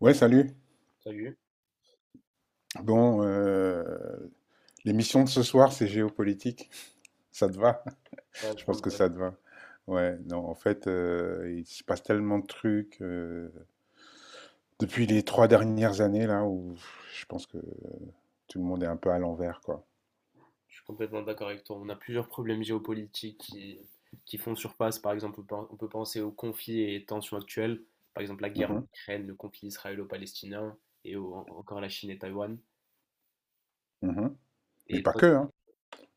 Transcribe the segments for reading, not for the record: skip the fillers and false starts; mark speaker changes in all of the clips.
Speaker 1: Ouais, salut.
Speaker 2: Salut.
Speaker 1: Bon, l'émission de ce soir, c'est géopolitique. Ça te va?
Speaker 2: Ouais,
Speaker 1: Je
Speaker 2: ça
Speaker 1: pense
Speaker 2: me
Speaker 1: que
Speaker 2: va.
Speaker 1: ça te va. Ouais, non, en fait, il se passe tellement de trucs depuis les 3 dernières années, là, où je pense que tout le monde est un peu à l'envers, quoi.
Speaker 2: Je suis complètement d'accord avec toi. On a plusieurs problèmes géopolitiques qui font surface. Par exemple, on peut penser aux conflits et tensions actuelles. Par exemple, la guerre en
Speaker 1: Mhm,
Speaker 2: Ukraine, le conflit israélo-palestinien et encore la Chine et Taïwan.
Speaker 1: mhm. Mais
Speaker 2: Et
Speaker 1: pas
Speaker 2: toi,
Speaker 1: que, hein.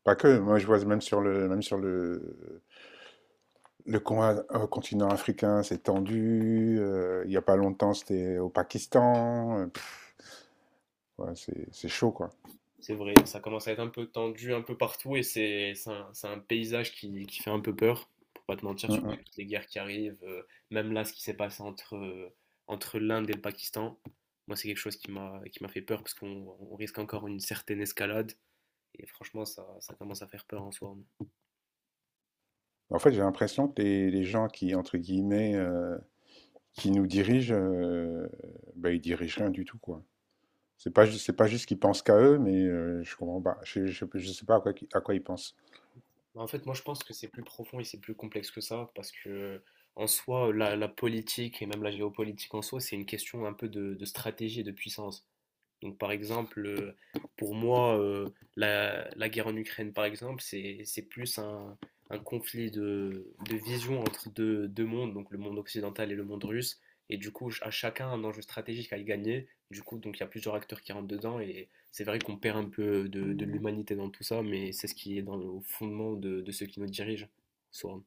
Speaker 1: Pas que. Moi, je vois même sur le con- continent africain, c'est tendu. Il y a pas longtemps, c'était au Pakistan. Ouais, c'est chaud, quoi.
Speaker 2: c'est vrai, ça commence à être un peu tendu un peu partout et c'est un paysage qui fait un peu peur, pour pas te mentir,
Speaker 1: Mmh
Speaker 2: surtout
Speaker 1: mh.
Speaker 2: avec toutes les guerres qui arrivent. Même là, ce qui s'est passé entre l'Inde et le Pakistan, moi, c'est quelque chose qui m'a fait peur parce qu'on risque encore une certaine escalade. Et franchement, ça commence à faire peur en soi.
Speaker 1: En fait, j'ai l'impression que les gens qui, entre guillemets, qui nous dirigent, bah, ils dirigent rien du tout, quoi. C'est pas juste qu'ils pensent qu'à eux, mais je comprends pas. Je sais pas à quoi ils pensent.
Speaker 2: En fait, moi, je pense que c'est plus profond et c'est plus complexe que ça, parce que en soi, la politique et même la géopolitique en soi, c'est une question un peu de stratégie et de puissance. Donc, par exemple, pour moi, la guerre en Ukraine, par exemple, c'est plus un conflit de vision entre deux mondes, donc le monde occidental et le monde russe. Et du coup, à chacun un enjeu stratégique à y gagner. Du coup, donc il y a plusieurs acteurs qui rentrent dedans. Et c'est vrai qu'on perd un peu de l'humanité dans tout ça, mais c'est ce qui est dans le au fondement de ceux qui nous dirigent, soit.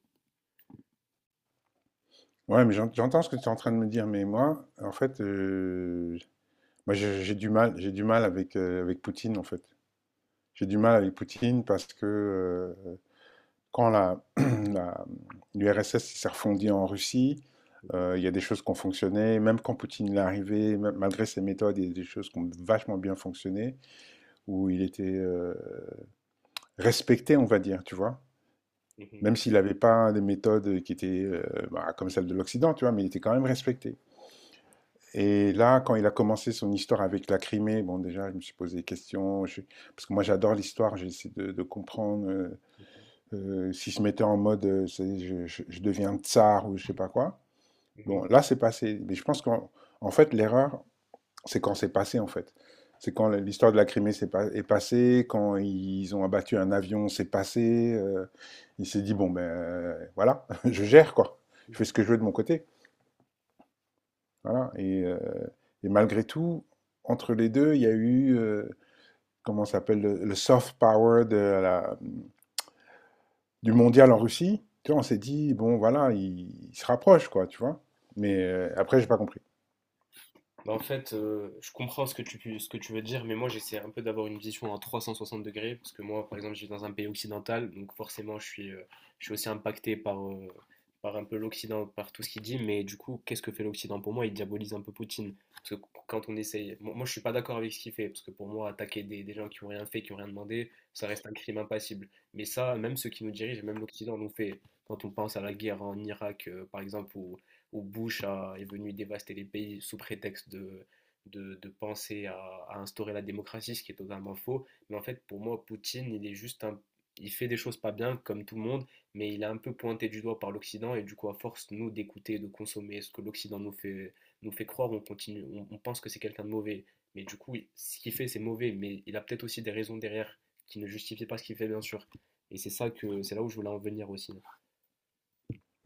Speaker 1: Ouais, mais j'entends ce que tu es en train de me dire, mais moi, en fait, moi, j'ai du mal avec Poutine, en fait. J'ai du mal avec Poutine parce que, euh, quand l'URSS s'est refondue en Russie.
Speaker 2: Mhm.
Speaker 1: Il y a des choses qui ont fonctionné, même quand Poutine est arrivé, malgré ses méthodes. Il y a des choses qui ont vachement bien fonctionné, où il était respecté, on va dire, tu vois.
Speaker 2: Mhm.
Speaker 1: Même s'il n'avait pas des méthodes qui étaient bah, comme celles de l'Occident, tu vois, mais il était quand même respecté. Et là, quand il a commencé son histoire avec la Crimée, bon, déjà, je me suis posé des questions, parce que moi, j'adore l'histoire, j'ai essayé de comprendre, s'ils se mettaient en mode, je deviens tsar ou je sais pas quoi.
Speaker 2: Mhm.
Speaker 1: Bon, là, c'est passé. Mais je pense qu'en en fait, l'erreur, c'est quand c'est passé, en fait. C'est quand l'histoire de la Crimée s'est pas- est passée, quand ils ont abattu un avion, c'est passé. Il s'est dit, bon, ben voilà, je gère, quoi. Je fais
Speaker 2: Mhm.
Speaker 1: ce que je veux de mon côté. Voilà. Et malgré tout, entre les deux, il y a eu, comment ça s'appelle, le soft power de du mondial en Russie, tu vois. On s'est dit, bon, voilà, il se rapproche, quoi, tu vois. Mais après, j'ai pas compris.
Speaker 2: Bah, en fait, je comprends ce que tu veux dire, mais moi j'essaie un peu d'avoir une vision à 360 degrés, parce que moi, par exemple, je vis dans un pays occidental, donc forcément, je suis aussi impacté par un peu l'Occident, par tout ce qu'il dit, mais du coup, qu'est-ce que fait l'Occident pour moi? Il diabolise un peu Poutine, parce que quand on essaye, moi, je suis pas d'accord avec ce qu'il fait, parce que pour moi, attaquer des gens qui ont rien fait, qui ont rien demandé, ça reste un crime impassible. Mais ça, même ceux qui nous dirigent, même l'Occident nous fait, quand on pense à la guerre en Irak, par exemple, ou où Bush est venu dévaster les pays sous prétexte de penser à instaurer la démocratie, ce qui est totalement faux. Mais en fait, pour moi, Poutine, il est juste un. Il fait des choses pas bien, comme tout le monde, mais il est un peu pointé du doigt par l'Occident, et du coup, à force, nous, d'écouter, de consommer ce que l'Occident nous fait croire, on continue, on pense que c'est quelqu'un de mauvais. Mais du coup, ce qu'il fait, c'est mauvais, mais il a peut-être aussi des raisons derrière qui ne justifient pas ce qu'il fait, bien sûr. Et c'est là où je voulais en venir aussi.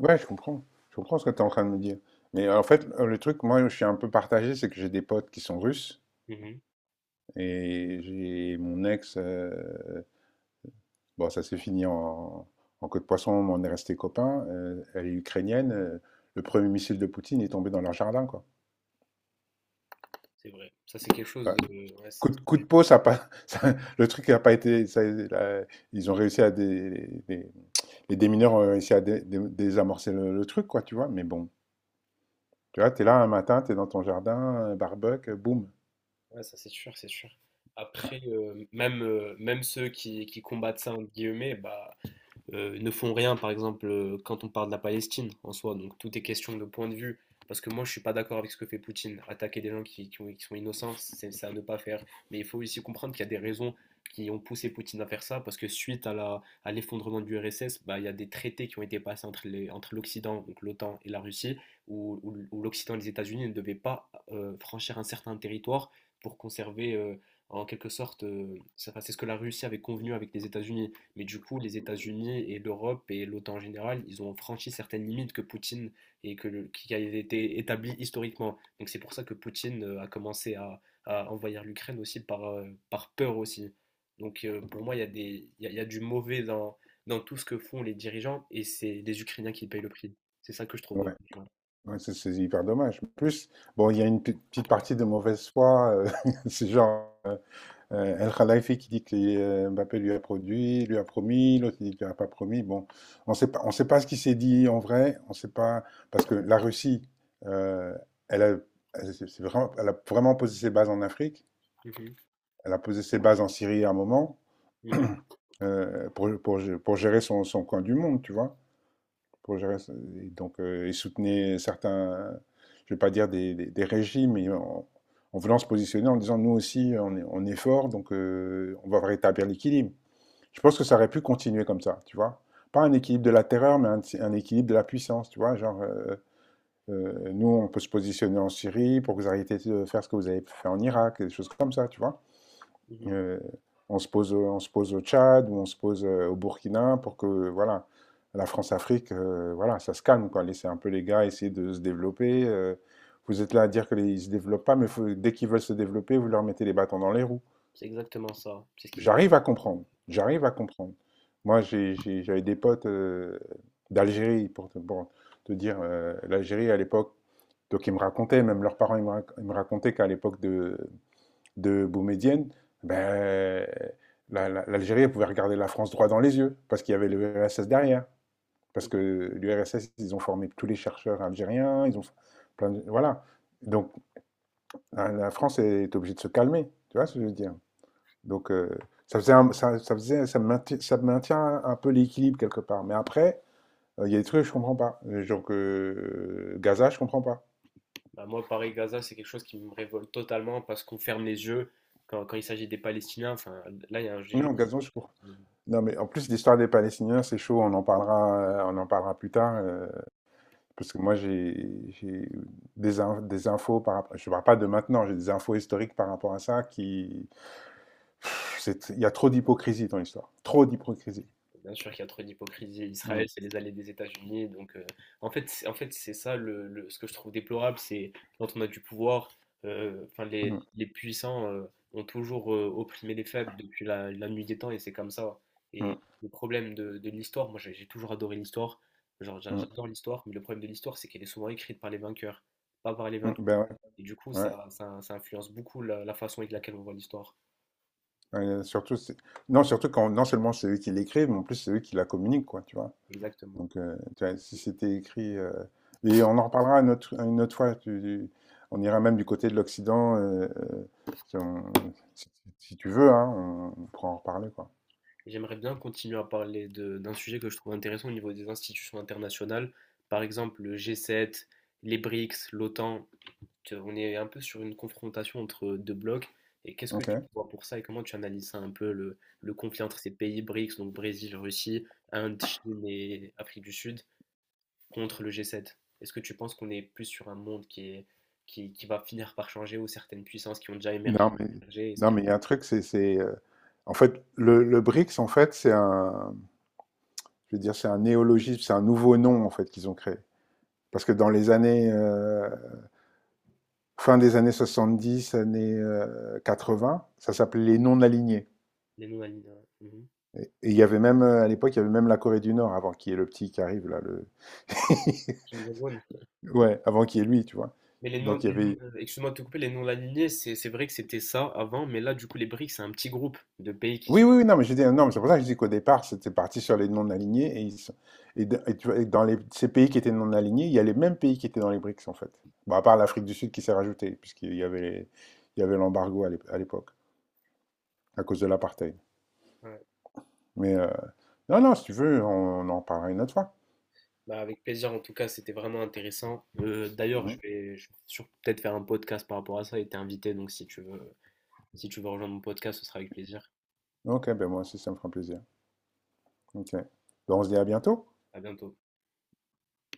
Speaker 1: Ouais, je comprends. Je comprends ce que tu es en train de me dire. Mais en fait, le truc, moi, je suis un peu partagé, c'est que j'ai des potes qui sont russes
Speaker 2: Mhm,
Speaker 1: et j'ai mon ex. Bon, ça s'est fini en queue de poisson, mais on est resté copains. Elle est ukrainienne. Le premier missile de Poutine est tombé dans leur jardin, quoi.
Speaker 2: c'est vrai. Ça, c'est quelque chose
Speaker 1: Bah,
Speaker 2: de. Ouais,
Speaker 1: coup de peau, ça a pas, le truc n'a pas été. Ça- la- ils ont réussi à des. Les démineurs ont réussi à désamorcer le truc, quoi, tu vois. Mais bon, tu vois, t'es là un matin, t'es dans ton jardin, barbecue, boum.
Speaker 2: ouais, ça c'est sûr, c'est sûr. Après, même ceux qui combattent ça, entre guillemets, bah, ne font rien, par exemple, quand on parle de la Palestine en soi. Donc tout est question de point de vue. Parce que moi, je ne suis pas d'accord avec ce que fait Poutine. Attaquer des gens qui sont innocents, c'est à ne pas faire. Mais il faut aussi comprendre qu'il y a des raisons qui ont poussé Poutine à faire ça. Parce que suite à l'effondrement du RSS, bah, il y a des traités qui ont été passés entre l'Occident, donc l'OTAN et la Russie, où l'Occident et les États-Unis ne devaient pas franchir un certain territoire pour conserver, en quelque sorte, c'est enfin, c'est ce que la Russie avait convenu avec les États-Unis. Mais du coup, les États-Unis et l'Europe et l'OTAN en général, ils ont franchi certaines limites que Poutine et que qui a été établi historiquement. Donc c'est pour ça que Poutine a commencé à envahir l'Ukraine aussi par peur aussi. Donc pour moi, il y a des, il y a du mauvais dans tout ce que font les dirigeants et c'est les Ukrainiens qui payent le prix. C'est ça que je trouve dommage.
Speaker 1: Ouais.
Speaker 2: Ouais.
Speaker 1: Ouais, c'est hyper dommage. En plus, bon, il y a une petite partie de mauvaise foi. C'est genre, El Khalifi qui dit que Mbappé lui a produit, lui a promis, l'autre il dit qu'il lui a pas promis. Bon, on sait pas, ce qui s'est dit en vrai. On sait pas parce que la Russie, euh, elle a, elle a vraiment posé ses bases en Afrique.
Speaker 2: Mhm,
Speaker 1: Elle a posé ses bases en Syrie à un moment.
Speaker 2: mhm,
Speaker 1: Pour gérer son coin du monde, tu vois. Pour gérer, et donc, il soutenait certains, je ne vais pas dire des régimes, mais en voulant se positionner en disant nous aussi, on est, fort, donc on va rétablir l'équilibre. Je pense que ça aurait pu continuer comme ça, tu vois. Pas un équilibre de la terreur, mais un équilibre de la puissance, tu vois. Genre, nous, on peut se positionner en Syrie pour que vous arrêtiez de faire ce que vous avez fait en Irak, des choses comme ça, tu vois.
Speaker 2: mhm.
Speaker 1: Euh, on se pose au Tchad ou on se pose au Burkina pour que, voilà, la France-Afrique, voilà, ça se calme, quoi. Laissez un peu les gars essayer de se développer. Vous êtes là à dire qu'ils ne se développent pas, mais dès qu'ils veulent se développer, vous leur mettez les bâtons dans les roues.
Speaker 2: C'est exactement ça. C'est ce qui s'est
Speaker 1: J'arrive à
Speaker 2: passé.
Speaker 1: comprendre. J'arrive à comprendre. Moi, j'avais des potes, d'Algérie, pour te, dire, l'Algérie à l'époque, donc ils me racontaient, même leurs parents, ils me racontaient qu'à l'époque de Boumedienne, ben, l'Algérie pouvait regarder la France droit dans les yeux, parce qu'il y avait l'URSS derrière. Parce que l'URSS, ils ont formé tous les chercheurs algériens, ils ont plein Voilà. Donc, France est obligée de se calmer, tu vois ce que je veux dire. Donc, ça, faisait un- ça faisait, ça maintient un peu l'équilibre quelque part. Mais après, il y a des trucs que je ne comprends pas. Genre que, Gaza, je ne comprends pas.
Speaker 2: Bah, moi, Paris-Gaza, c'est quelque chose qui me révolte totalement parce qu'on ferme les yeux quand il s'agit des Palestiniens. Enfin, là, il y a un
Speaker 1: Non,
Speaker 2: génocide.
Speaker 1: Gaza, je comprends. Non, mais en plus, l'histoire des Palestiniens, c'est chaud, on en parlera plus tard. Parce que moi, j'ai des infos par rapport. Je ne parle pas de maintenant, j'ai des infos historiques par rapport à ça qui. Il y a trop d'hypocrisie dans l'histoire. Trop d'hypocrisie.
Speaker 2: Bien sûr qu'il y a trop d'hypocrisie.
Speaker 1: Mm,
Speaker 2: Israël, c'est les allées des États-Unis. Donc, en fait, en fait, c'est ça ce que je trouve déplorable, c'est quand on a du pouvoir, enfin, les,
Speaker 1: mm,
Speaker 2: les puissants ont toujours opprimé les faibles depuis la nuit des temps et c'est comme ça.
Speaker 1: mm,
Speaker 2: Et le problème de l'histoire, moi j'ai toujours adoré l'histoire, genre
Speaker 1: mm,
Speaker 2: j'adore l'histoire, mais le problème de l'histoire, c'est qu'elle est souvent écrite par les vainqueurs, pas par les
Speaker 1: mm.
Speaker 2: vaincus.
Speaker 1: Ben ouais,
Speaker 2: Et du coup,
Speaker 1: ouais.
Speaker 2: ça influence beaucoup la façon avec laquelle on voit l'histoire.
Speaker 1: Euh, surtout, c'est- non, surtout quand non seulement c'est eux qui l'écrivent, mais en plus c'est eux qui la communiquent, quoi, tu vois.
Speaker 2: Exactement.
Speaker 1: Donc, tu vois, si c'était écrit. Et on en reparlera une autre fois. On ira même du côté de l'Occident, si, on- si- si tu veux, hein, on pourra en reparler, quoi.
Speaker 2: J'aimerais bien continuer à parler d'un sujet que je trouve intéressant au niveau des institutions internationales, par exemple le G7, les BRICS, l'OTAN. On est un peu sur une confrontation entre deux blocs. Et qu'est-ce que tu
Speaker 1: Ok.
Speaker 2: vois pour ça et comment tu analyses ça un peu le conflit entre ces pays BRICS, donc Brésil, Russie, Inde, Chine et Afrique du Sud, contre le G7? Est-ce que tu penses qu'on est plus sur un monde qui va finir par changer ou certaines puissances qui ont déjà
Speaker 1: Non,
Speaker 2: émergé,
Speaker 1: mais,
Speaker 2: émergé, est-ce
Speaker 1: non,
Speaker 2: qu'il y
Speaker 1: mais il y a un truc, en fait, le BRICS, en fait, c'est un, je veux dire, c'est un néologisme, c'est un nouveau nom, en fait, qu'ils ont créé. Parce que dans les années, fin des années 70, années vingts, ça s'appelait les non-alignés.
Speaker 2: a les non-alignés? Mhm.
Speaker 1: Et il y avait même, à l'époque, il y avait même la Corée du Nord, avant qu'il y ait le petit qui arrive, là, le. Ouais, avant qu'il y ait lui, tu vois.
Speaker 2: Mais
Speaker 1: Donc, il y
Speaker 2: les non-
Speaker 1: avait,
Speaker 2: excuse-moi de te couper, les non-alignés, c'est vrai que c'était ça avant, mais là, du coup, les BRICS, c'est un petit groupe de pays qui
Speaker 1: oui,
Speaker 2: sont.
Speaker 1: oui, oui, non, mais je dis, non, mais c'est pour ça que je dis qu'au départ, c'était parti sur les non-alignés. Et, ils sont- et d- et tu vois, et ces pays qui étaient non-alignés, il y a les mêmes pays qui étaient dans les BRICS, en fait. Bon, à part l'Afrique du Sud qui s'est rajoutée, puisqu'il y avait il y avait l'embargo à l'époque, à cause de l'apartheid.
Speaker 2: Ouais.
Speaker 1: Mais non, non, si tu veux, on en parlera une autre fois.
Speaker 2: Bah, avec plaisir, en tout cas, c'était vraiment intéressant. D'ailleurs,
Speaker 1: Mhm.
Speaker 2: peut-être faire un podcast par rapport à ça et t'es invité, donc si tu veux rejoindre mon podcast, ce sera avec plaisir.
Speaker 1: Ok, ben moi aussi, ça me fera plaisir. Ok. Ben, on se dit à bientôt.
Speaker 2: À bientôt.